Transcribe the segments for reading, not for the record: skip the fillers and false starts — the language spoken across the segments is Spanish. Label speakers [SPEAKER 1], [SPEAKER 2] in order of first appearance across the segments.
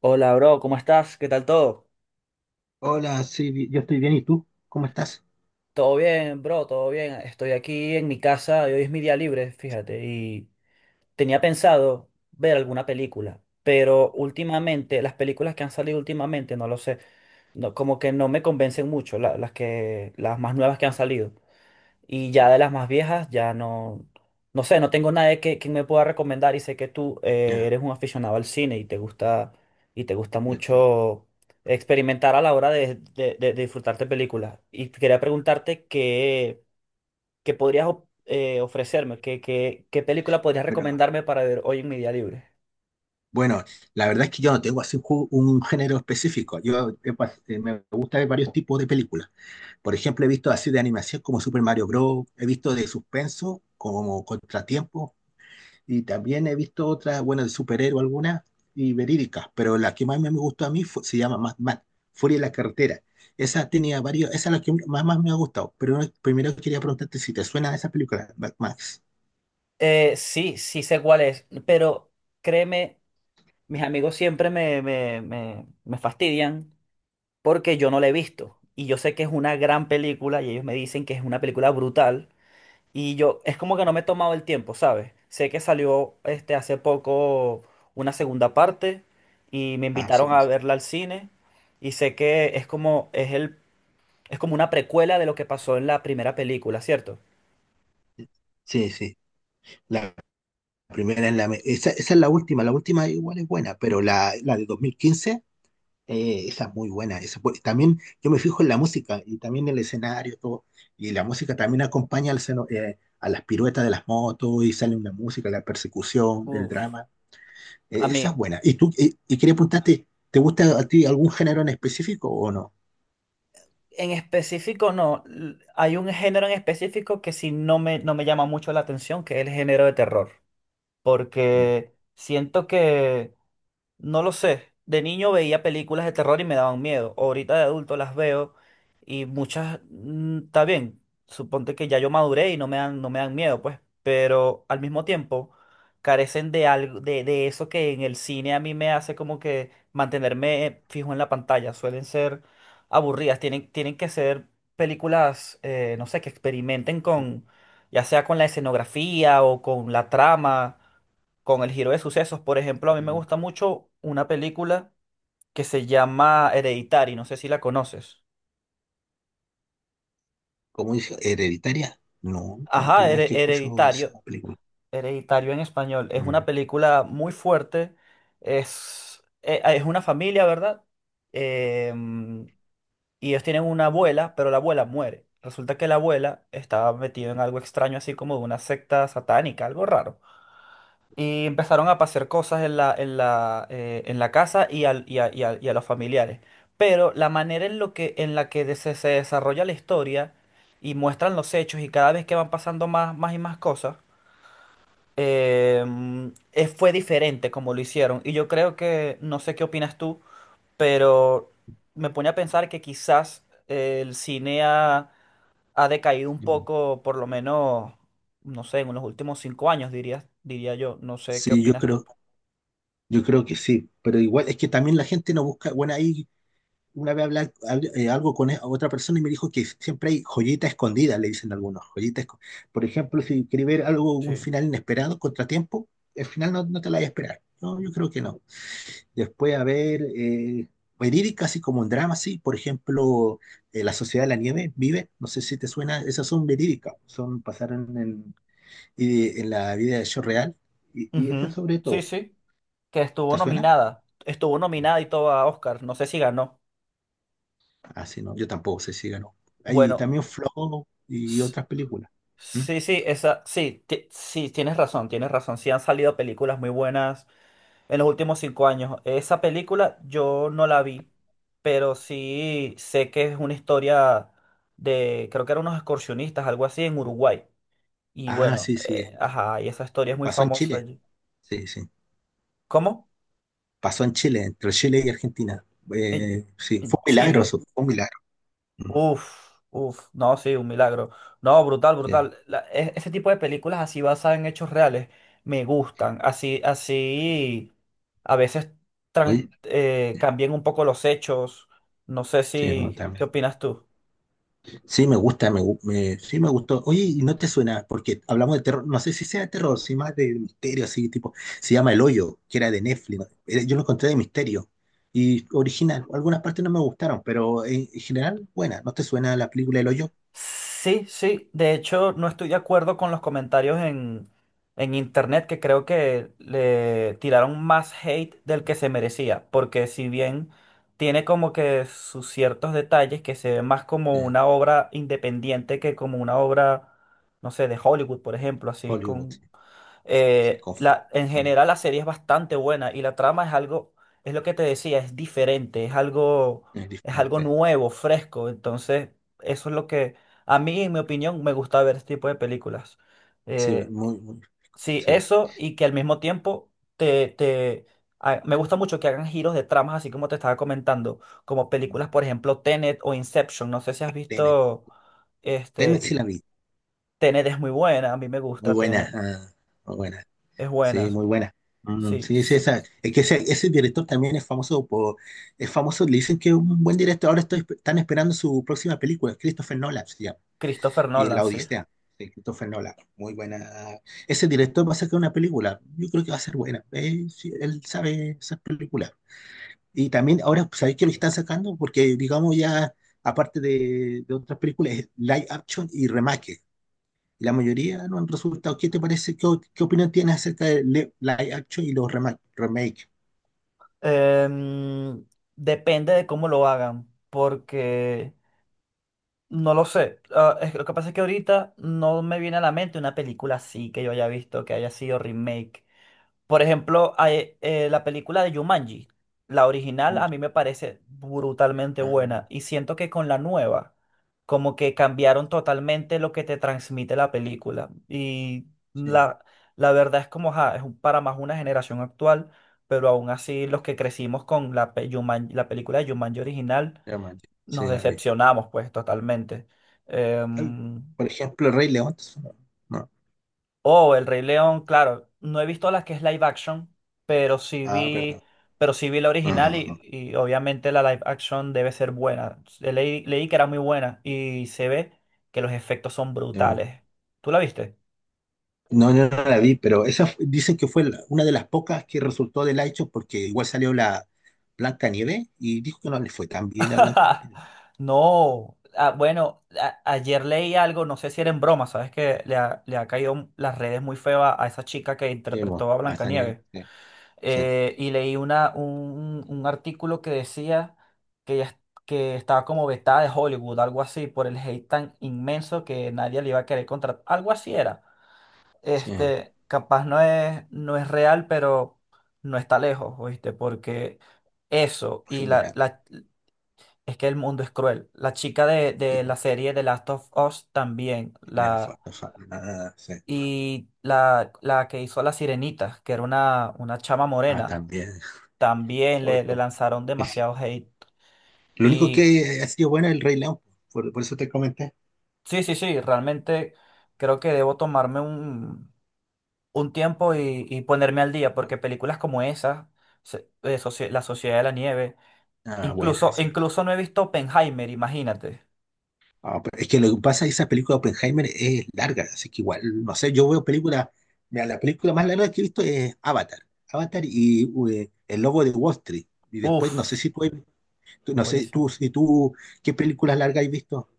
[SPEAKER 1] Hola, bro, ¿cómo estás? ¿Qué tal todo?
[SPEAKER 2] Hola, sí, yo estoy bien, ¿y tú? ¿Cómo estás?
[SPEAKER 1] Todo bien, bro, todo bien. Estoy aquí en mi casa y hoy es mi día libre, fíjate. Y tenía pensado ver alguna película, pero últimamente, las películas que han salido últimamente, no lo sé, no, como que no me convencen mucho, las más nuevas que han salido. Y ya de las más viejas, no sé, no tengo nadie que me pueda recomendar y sé que tú
[SPEAKER 2] Ya,
[SPEAKER 1] eres un aficionado al cine y te gusta
[SPEAKER 2] yo estoy bien.
[SPEAKER 1] mucho experimentar a la hora de disfrutarte películas. Y quería preguntarte qué podrías ofrecerme, qué película podrías
[SPEAKER 2] Pero,
[SPEAKER 1] recomendarme para ver hoy en mi día libre.
[SPEAKER 2] bueno, la verdad es que yo no tengo así un, un género específico. Me gusta ver varios tipos de películas. Por ejemplo, he visto así de animación como Super Mario Bros. He visto de suspenso como Contratiempo. Y también he visto otras, bueno, de superhéroe algunas y verídicas. Pero la que más me gustó a mí se llama Mad Max, Furia en la carretera. Esa tenía varios, esa es la que más, más me ha gustado. Pero primero quería preguntarte si te suena esa película, Mad Max.
[SPEAKER 1] Sí, sí sé cuál es, pero créeme, mis amigos siempre me fastidian porque yo no la he visto. Y yo sé que es una gran película y ellos me dicen que es una película brutal. Y yo, es como que no me he tomado el tiempo, ¿sabes? Sé que salió este, hace poco una segunda parte y me
[SPEAKER 2] Ah,
[SPEAKER 1] invitaron
[SPEAKER 2] sí,
[SPEAKER 1] a verla al cine. Y sé que es como una precuela de lo que pasó en la primera película, ¿cierto?
[SPEAKER 2] sí, sí. La primera es esa, esa es la última. La última igual es buena, pero la de 2015, esa es muy buena. También yo me fijo en la música y también el escenario, todo. Y la música también acompaña al a las piruetas de las motos y sale una música, la persecución, el
[SPEAKER 1] Uf,
[SPEAKER 2] drama.
[SPEAKER 1] a
[SPEAKER 2] Esa es
[SPEAKER 1] mí
[SPEAKER 2] buena. Y tú, y quería preguntarte, ¿te gusta a ti algún género en específico o no?
[SPEAKER 1] en específico no. Hay un género en específico que sí no me llama mucho la atención, que es el género de terror, porque siento que no lo sé. De niño veía películas de terror y me daban miedo. Ahorita de adulto las veo y muchas, está bien. Suponte que ya yo maduré y no me dan miedo, pues. Pero al mismo tiempo carecen de algo, de eso que en el cine a mí me hace como que mantenerme fijo en la pantalla. Suelen ser aburridas. Tienen que ser películas, no sé, que experimenten con, ya sea con la escenografía o con la trama, con el giro de sucesos. Por ejemplo, a mí me
[SPEAKER 2] Mm.
[SPEAKER 1] gusta mucho una película que se llama Hereditary, no sé si la conoces.
[SPEAKER 2] ¿Cómo dice? ¿Hereditaria? No, nunca,
[SPEAKER 1] Ajá,
[SPEAKER 2] primera vez que escucho esa
[SPEAKER 1] Hereditario,
[SPEAKER 2] película.
[SPEAKER 1] Hereditario en español. Es una
[SPEAKER 2] Mm.
[SPEAKER 1] película muy fuerte, es, es una familia, ¿verdad? Em, y ellos tienen una abuela, pero la abuela muere. Resulta que la abuela estaba metida en algo extraño, así como de una secta satánica, algo raro. Y empezaron a pasar cosas en la casa y a los familiares. Pero la manera en, lo que, en la que se desarrolla la historia y muestran los hechos y cada vez que van pasando más y más cosas, eh, fue diferente como lo hicieron. Y yo creo que, no sé qué opinas tú, pero me pone a pensar que quizás el cine ha, ha decaído un
[SPEAKER 2] Mm.
[SPEAKER 1] poco, por lo menos, no sé, en los últimos 5 años, diría yo. No sé qué
[SPEAKER 2] Sí,
[SPEAKER 1] opinas tú.
[SPEAKER 2] yo creo que sí, pero igual es que también la gente no busca. Bueno, ahí una vez hablar algo con otra persona y me dijo que siempre hay joyita escondida, le dicen algunos, joyitas. Por ejemplo, si queréis ver algo, un
[SPEAKER 1] Sí.
[SPEAKER 2] final inesperado, contratiempo, el final no, no te la vas a esperar. No, yo creo que no. Después, a ver, verídica, así como un drama, sí, por ejemplo, La Sociedad de la Nieve, Vive, no sé si te suena, esas son verídicas, son, pasaron en, en la vida de hecho real, y esas
[SPEAKER 1] Ujú.
[SPEAKER 2] sobre
[SPEAKER 1] Sí,
[SPEAKER 2] todo,
[SPEAKER 1] sí, que estuvo
[SPEAKER 2] ¿te suena?
[SPEAKER 1] nominada. Estuvo nominada y todo a Oscar. No sé si ganó.
[SPEAKER 2] Así no, yo tampoco sé si ganó. Hay
[SPEAKER 1] Bueno,
[SPEAKER 2] también Flow y
[SPEAKER 1] s-
[SPEAKER 2] otras películas. ¿Mm?
[SPEAKER 1] sí, sí, sí, tienes razón, tienes razón. Sí han salido películas muy buenas en los últimos 5 años. Esa película yo no la vi, pero sí sé que es una historia de, creo que eran unos excursionistas, algo así, en Uruguay. Y
[SPEAKER 2] Ah,
[SPEAKER 1] bueno,
[SPEAKER 2] sí, sí.
[SPEAKER 1] y esa historia es muy
[SPEAKER 2] Pasó en
[SPEAKER 1] famosa
[SPEAKER 2] Chile.
[SPEAKER 1] allí.
[SPEAKER 2] Sí, sí.
[SPEAKER 1] ¿Cómo?
[SPEAKER 2] Pasó en Chile, entre Chile y Argentina.
[SPEAKER 1] En,
[SPEAKER 2] Sí, fue
[SPEAKER 1] en
[SPEAKER 2] un milagro
[SPEAKER 1] Chile.
[SPEAKER 2] eso, fue un milagro. Mm,
[SPEAKER 1] Uf, uf, no, sí, un milagro. No, brutal,
[SPEAKER 2] sí.
[SPEAKER 1] brutal. Ese tipo de películas así basadas en hechos reales me gustan. Así, así, a veces
[SPEAKER 2] Oye, ya,
[SPEAKER 1] cambian un poco los hechos. No sé
[SPEAKER 2] sí, bueno,
[SPEAKER 1] si, ¿qué
[SPEAKER 2] también.
[SPEAKER 1] opinas tú?
[SPEAKER 2] Sí, me gusta, sí me gustó. Oye, ¿y no te suena? Porque hablamos de terror, no sé si sea de terror, si más de misterio, así tipo, se llama El Hoyo, que era de Netflix, ¿no? Yo lo encontré de misterio y original. Algunas partes no me gustaron, pero en general, buena. ¿No te suena la película El Hoyo?
[SPEAKER 1] Sí, sí. De hecho, no estoy de acuerdo con los comentarios en internet, que creo que le tiraron más hate del que se merecía. Porque si bien tiene como que sus ciertos detalles que se ven más como
[SPEAKER 2] Eh,
[SPEAKER 1] una obra independiente que como una obra, no sé, de Hollywood, por ejemplo, así
[SPEAKER 2] Hollywood,
[SPEAKER 1] con
[SPEAKER 2] sí, sí,
[SPEAKER 1] en
[SPEAKER 2] mm,
[SPEAKER 1] general la serie es bastante buena y la trama es algo, es lo que te decía, es diferente,
[SPEAKER 2] es
[SPEAKER 1] es algo
[SPEAKER 2] diferente.
[SPEAKER 1] nuevo, fresco. Entonces, eso es lo que a mí, en mi opinión, me gusta ver este tipo de películas.
[SPEAKER 2] Sí,
[SPEAKER 1] Eh,
[SPEAKER 2] muy, muy,
[SPEAKER 1] sí,
[SPEAKER 2] sí.
[SPEAKER 1] eso y que al mismo tiempo te, te, me gusta mucho que hagan giros de tramas, así como te estaba comentando, como películas, por ejemplo, Tenet o Inception. No sé si has
[SPEAKER 2] Tenet,
[SPEAKER 1] visto, este,
[SPEAKER 2] Tenet sí
[SPEAKER 1] y
[SPEAKER 2] la vi,
[SPEAKER 1] Tenet es muy buena, a mí me
[SPEAKER 2] muy
[SPEAKER 1] gusta
[SPEAKER 2] buena,
[SPEAKER 1] Tenet,
[SPEAKER 2] ah, muy buena.
[SPEAKER 1] es
[SPEAKER 2] Sí,
[SPEAKER 1] buena.
[SPEAKER 2] muy buena. Mm,
[SPEAKER 1] Sí,
[SPEAKER 2] sí, sí, esa, es que ese director también es famoso por, es famoso, le dicen que es un buen director. Ahora estoy, están esperando su próxima película, Christopher Nolan se llama,
[SPEAKER 1] Christopher
[SPEAKER 2] y
[SPEAKER 1] Nolan,
[SPEAKER 2] La
[SPEAKER 1] sí.
[SPEAKER 2] Odisea, de Christopher Nolan. Muy buena. Ese director va a sacar una película. Yo creo que va a ser buena. Sí, él sabe esas películas. Y también ahora, ¿sabéis que lo están sacando? Porque digamos ya, aparte de otras películas, es live action y remake y la mayoría no han resultado. ¿Qué te parece? ¿Qué, qué opinión tienes acerca de live action y los remake?
[SPEAKER 1] Em, Depende de cómo lo hagan, porque no lo sé. Ah, lo que pasa es que ahorita no me viene a la mente una película así que yo haya visto, que haya sido remake. Por ejemplo, la película de Jumanji, la original
[SPEAKER 2] Mm,
[SPEAKER 1] a mí me parece brutalmente
[SPEAKER 2] ah,
[SPEAKER 1] buena y siento que con la nueva como que cambiaron totalmente lo que te transmite la película y
[SPEAKER 2] sí,
[SPEAKER 1] la, la verdad es como ja, para más una generación actual, pero aún así los que crecimos con la película de Jumanji original
[SPEAKER 2] remake,
[SPEAKER 1] nos
[SPEAKER 2] sí, la vi.
[SPEAKER 1] decepcionamos pues totalmente.
[SPEAKER 2] Em,
[SPEAKER 1] Em,
[SPEAKER 2] Por ejemplo, Rey León. No, no.
[SPEAKER 1] Oh, El Rey León, claro. No he visto la que es live action, pero sí
[SPEAKER 2] Ah, pero
[SPEAKER 1] vi, pero sí vi la
[SPEAKER 2] no, no,
[SPEAKER 1] original
[SPEAKER 2] no, no.
[SPEAKER 1] y obviamente la live action debe ser buena. Leí que era muy buena y se ve que los efectos son brutales. ¿Tú la viste?
[SPEAKER 2] No, no, no la vi, pero dicen que fue una de las pocas que resultó del hecho porque igual salió la Blanca Nieve y dijo que no le fue tan bien a Blanca Nieve.
[SPEAKER 1] No. Ah, bueno, ayer leí algo, no sé si era en broma, sabes que le ha caído las redes muy feo a esa chica que
[SPEAKER 2] Sí, mo,
[SPEAKER 1] interpretó a
[SPEAKER 2] hasta ni-
[SPEAKER 1] Blancanieves.
[SPEAKER 2] sí, sí,
[SPEAKER 1] Eh, y leí un artículo que decía que, que estaba como vetada de Hollywood, algo así, por el hate tan inmenso que nadie le iba a querer contratar. Algo así era.
[SPEAKER 2] sí, en
[SPEAKER 1] Este, capaz no es real, pero no está lejos, ¿oíste? Porque eso,
[SPEAKER 2] general,
[SPEAKER 1] es que el mundo es cruel. La chica
[SPEAKER 2] sí,
[SPEAKER 1] de la
[SPEAKER 2] po,
[SPEAKER 1] serie The Last of Us también,
[SPEAKER 2] de la
[SPEAKER 1] la,
[SPEAKER 2] fa- fa- ah, sí.
[SPEAKER 1] y la que hizo La Sirenita, que era una chama
[SPEAKER 2] Ah,
[SPEAKER 1] morena
[SPEAKER 2] también.
[SPEAKER 1] también le
[SPEAKER 2] Oito.
[SPEAKER 1] lanzaron demasiado hate.
[SPEAKER 2] Lo único
[SPEAKER 1] Y
[SPEAKER 2] que ha sido buena es el Rey León, por eso te comenté.
[SPEAKER 1] sí, sí, sí, realmente creo que debo tomarme un tiempo y ponerme al día, porque películas como esas, La Sociedad de la Nieve,
[SPEAKER 2] Ah, buena
[SPEAKER 1] incluso,
[SPEAKER 2] esa.
[SPEAKER 1] incluso no he visto Oppenheimer, imagínate.
[SPEAKER 2] Ah, pero es que lo que pasa es que esa película de Oppenheimer es larga, así que igual, no sé, yo veo películas, mira, la película más larga que he visto es Avatar, Avatar y El Lobo de Wall Street. Y después, no sé
[SPEAKER 1] Uf,
[SPEAKER 2] si tú, no sé, tú,
[SPEAKER 1] buenísimo.
[SPEAKER 2] si tú, ¿qué películas largas has visto?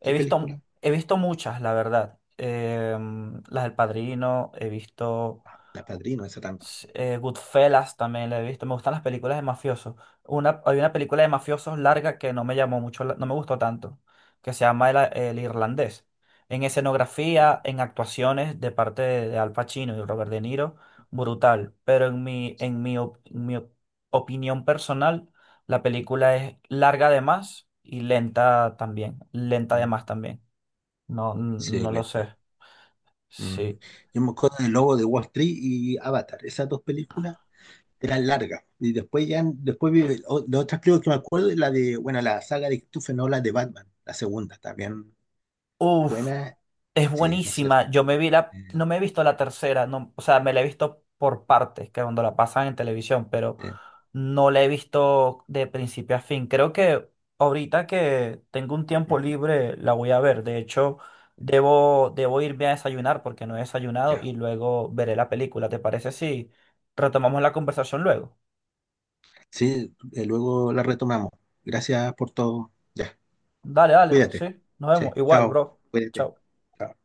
[SPEAKER 1] He
[SPEAKER 2] ¿Qué
[SPEAKER 1] visto,
[SPEAKER 2] película?
[SPEAKER 1] he visto muchas, la verdad. Las del Padrino, he visto,
[SPEAKER 2] La Padrino, esa también.
[SPEAKER 1] sí, Goodfellas también la he visto. Me gustan las películas de mafiosos. Una, hay una película de mafiosos larga que no me llamó mucho, no me gustó tanto, que se llama El Irlandés. En escenografía, en actuaciones de parte de Al Pacino y Robert De Niro, brutal. Pero en mi, op- mi op- opinión personal, la película es larga de más y lenta también. Lenta de
[SPEAKER 2] Mm.
[SPEAKER 1] más también. No,
[SPEAKER 2] Sí,
[SPEAKER 1] no lo
[SPEAKER 2] lenta.
[SPEAKER 1] sé.
[SPEAKER 2] Mm.
[SPEAKER 1] Sí.
[SPEAKER 2] Yo me acuerdo del Lobo de Wall Street y Avatar, esas dos películas eran largas. Y después ya, después vi, la otra creo que me acuerdo es la de, bueno, la saga de Christopher Nolan de Batman, la segunda, también
[SPEAKER 1] Uf.
[SPEAKER 2] buena,
[SPEAKER 1] Es
[SPEAKER 2] sí, no sé.
[SPEAKER 1] buenísima. Yo me vi la,
[SPEAKER 2] eh,
[SPEAKER 1] no me he visto la tercera, no, o sea, me la he visto por partes, que cuando la pasan en televisión, pero
[SPEAKER 2] eh,
[SPEAKER 1] no la he visto de principio a fin. Creo que ahorita que tengo un
[SPEAKER 2] mm,
[SPEAKER 1] tiempo libre la voy a ver. De hecho, debo, debo irme a desayunar porque no he desayunado
[SPEAKER 2] ya,
[SPEAKER 1] y luego veré la película. ¿Te parece si retomamos la conversación luego?
[SPEAKER 2] sí, luego la retomamos. Gracias por todo. Ya,
[SPEAKER 1] Dale, dale,
[SPEAKER 2] cuídate.
[SPEAKER 1] sí, nos
[SPEAKER 2] Sí,
[SPEAKER 1] vemos. Igual,
[SPEAKER 2] chao,
[SPEAKER 1] bro.
[SPEAKER 2] cuídate.
[SPEAKER 1] Chao.
[SPEAKER 2] Chao.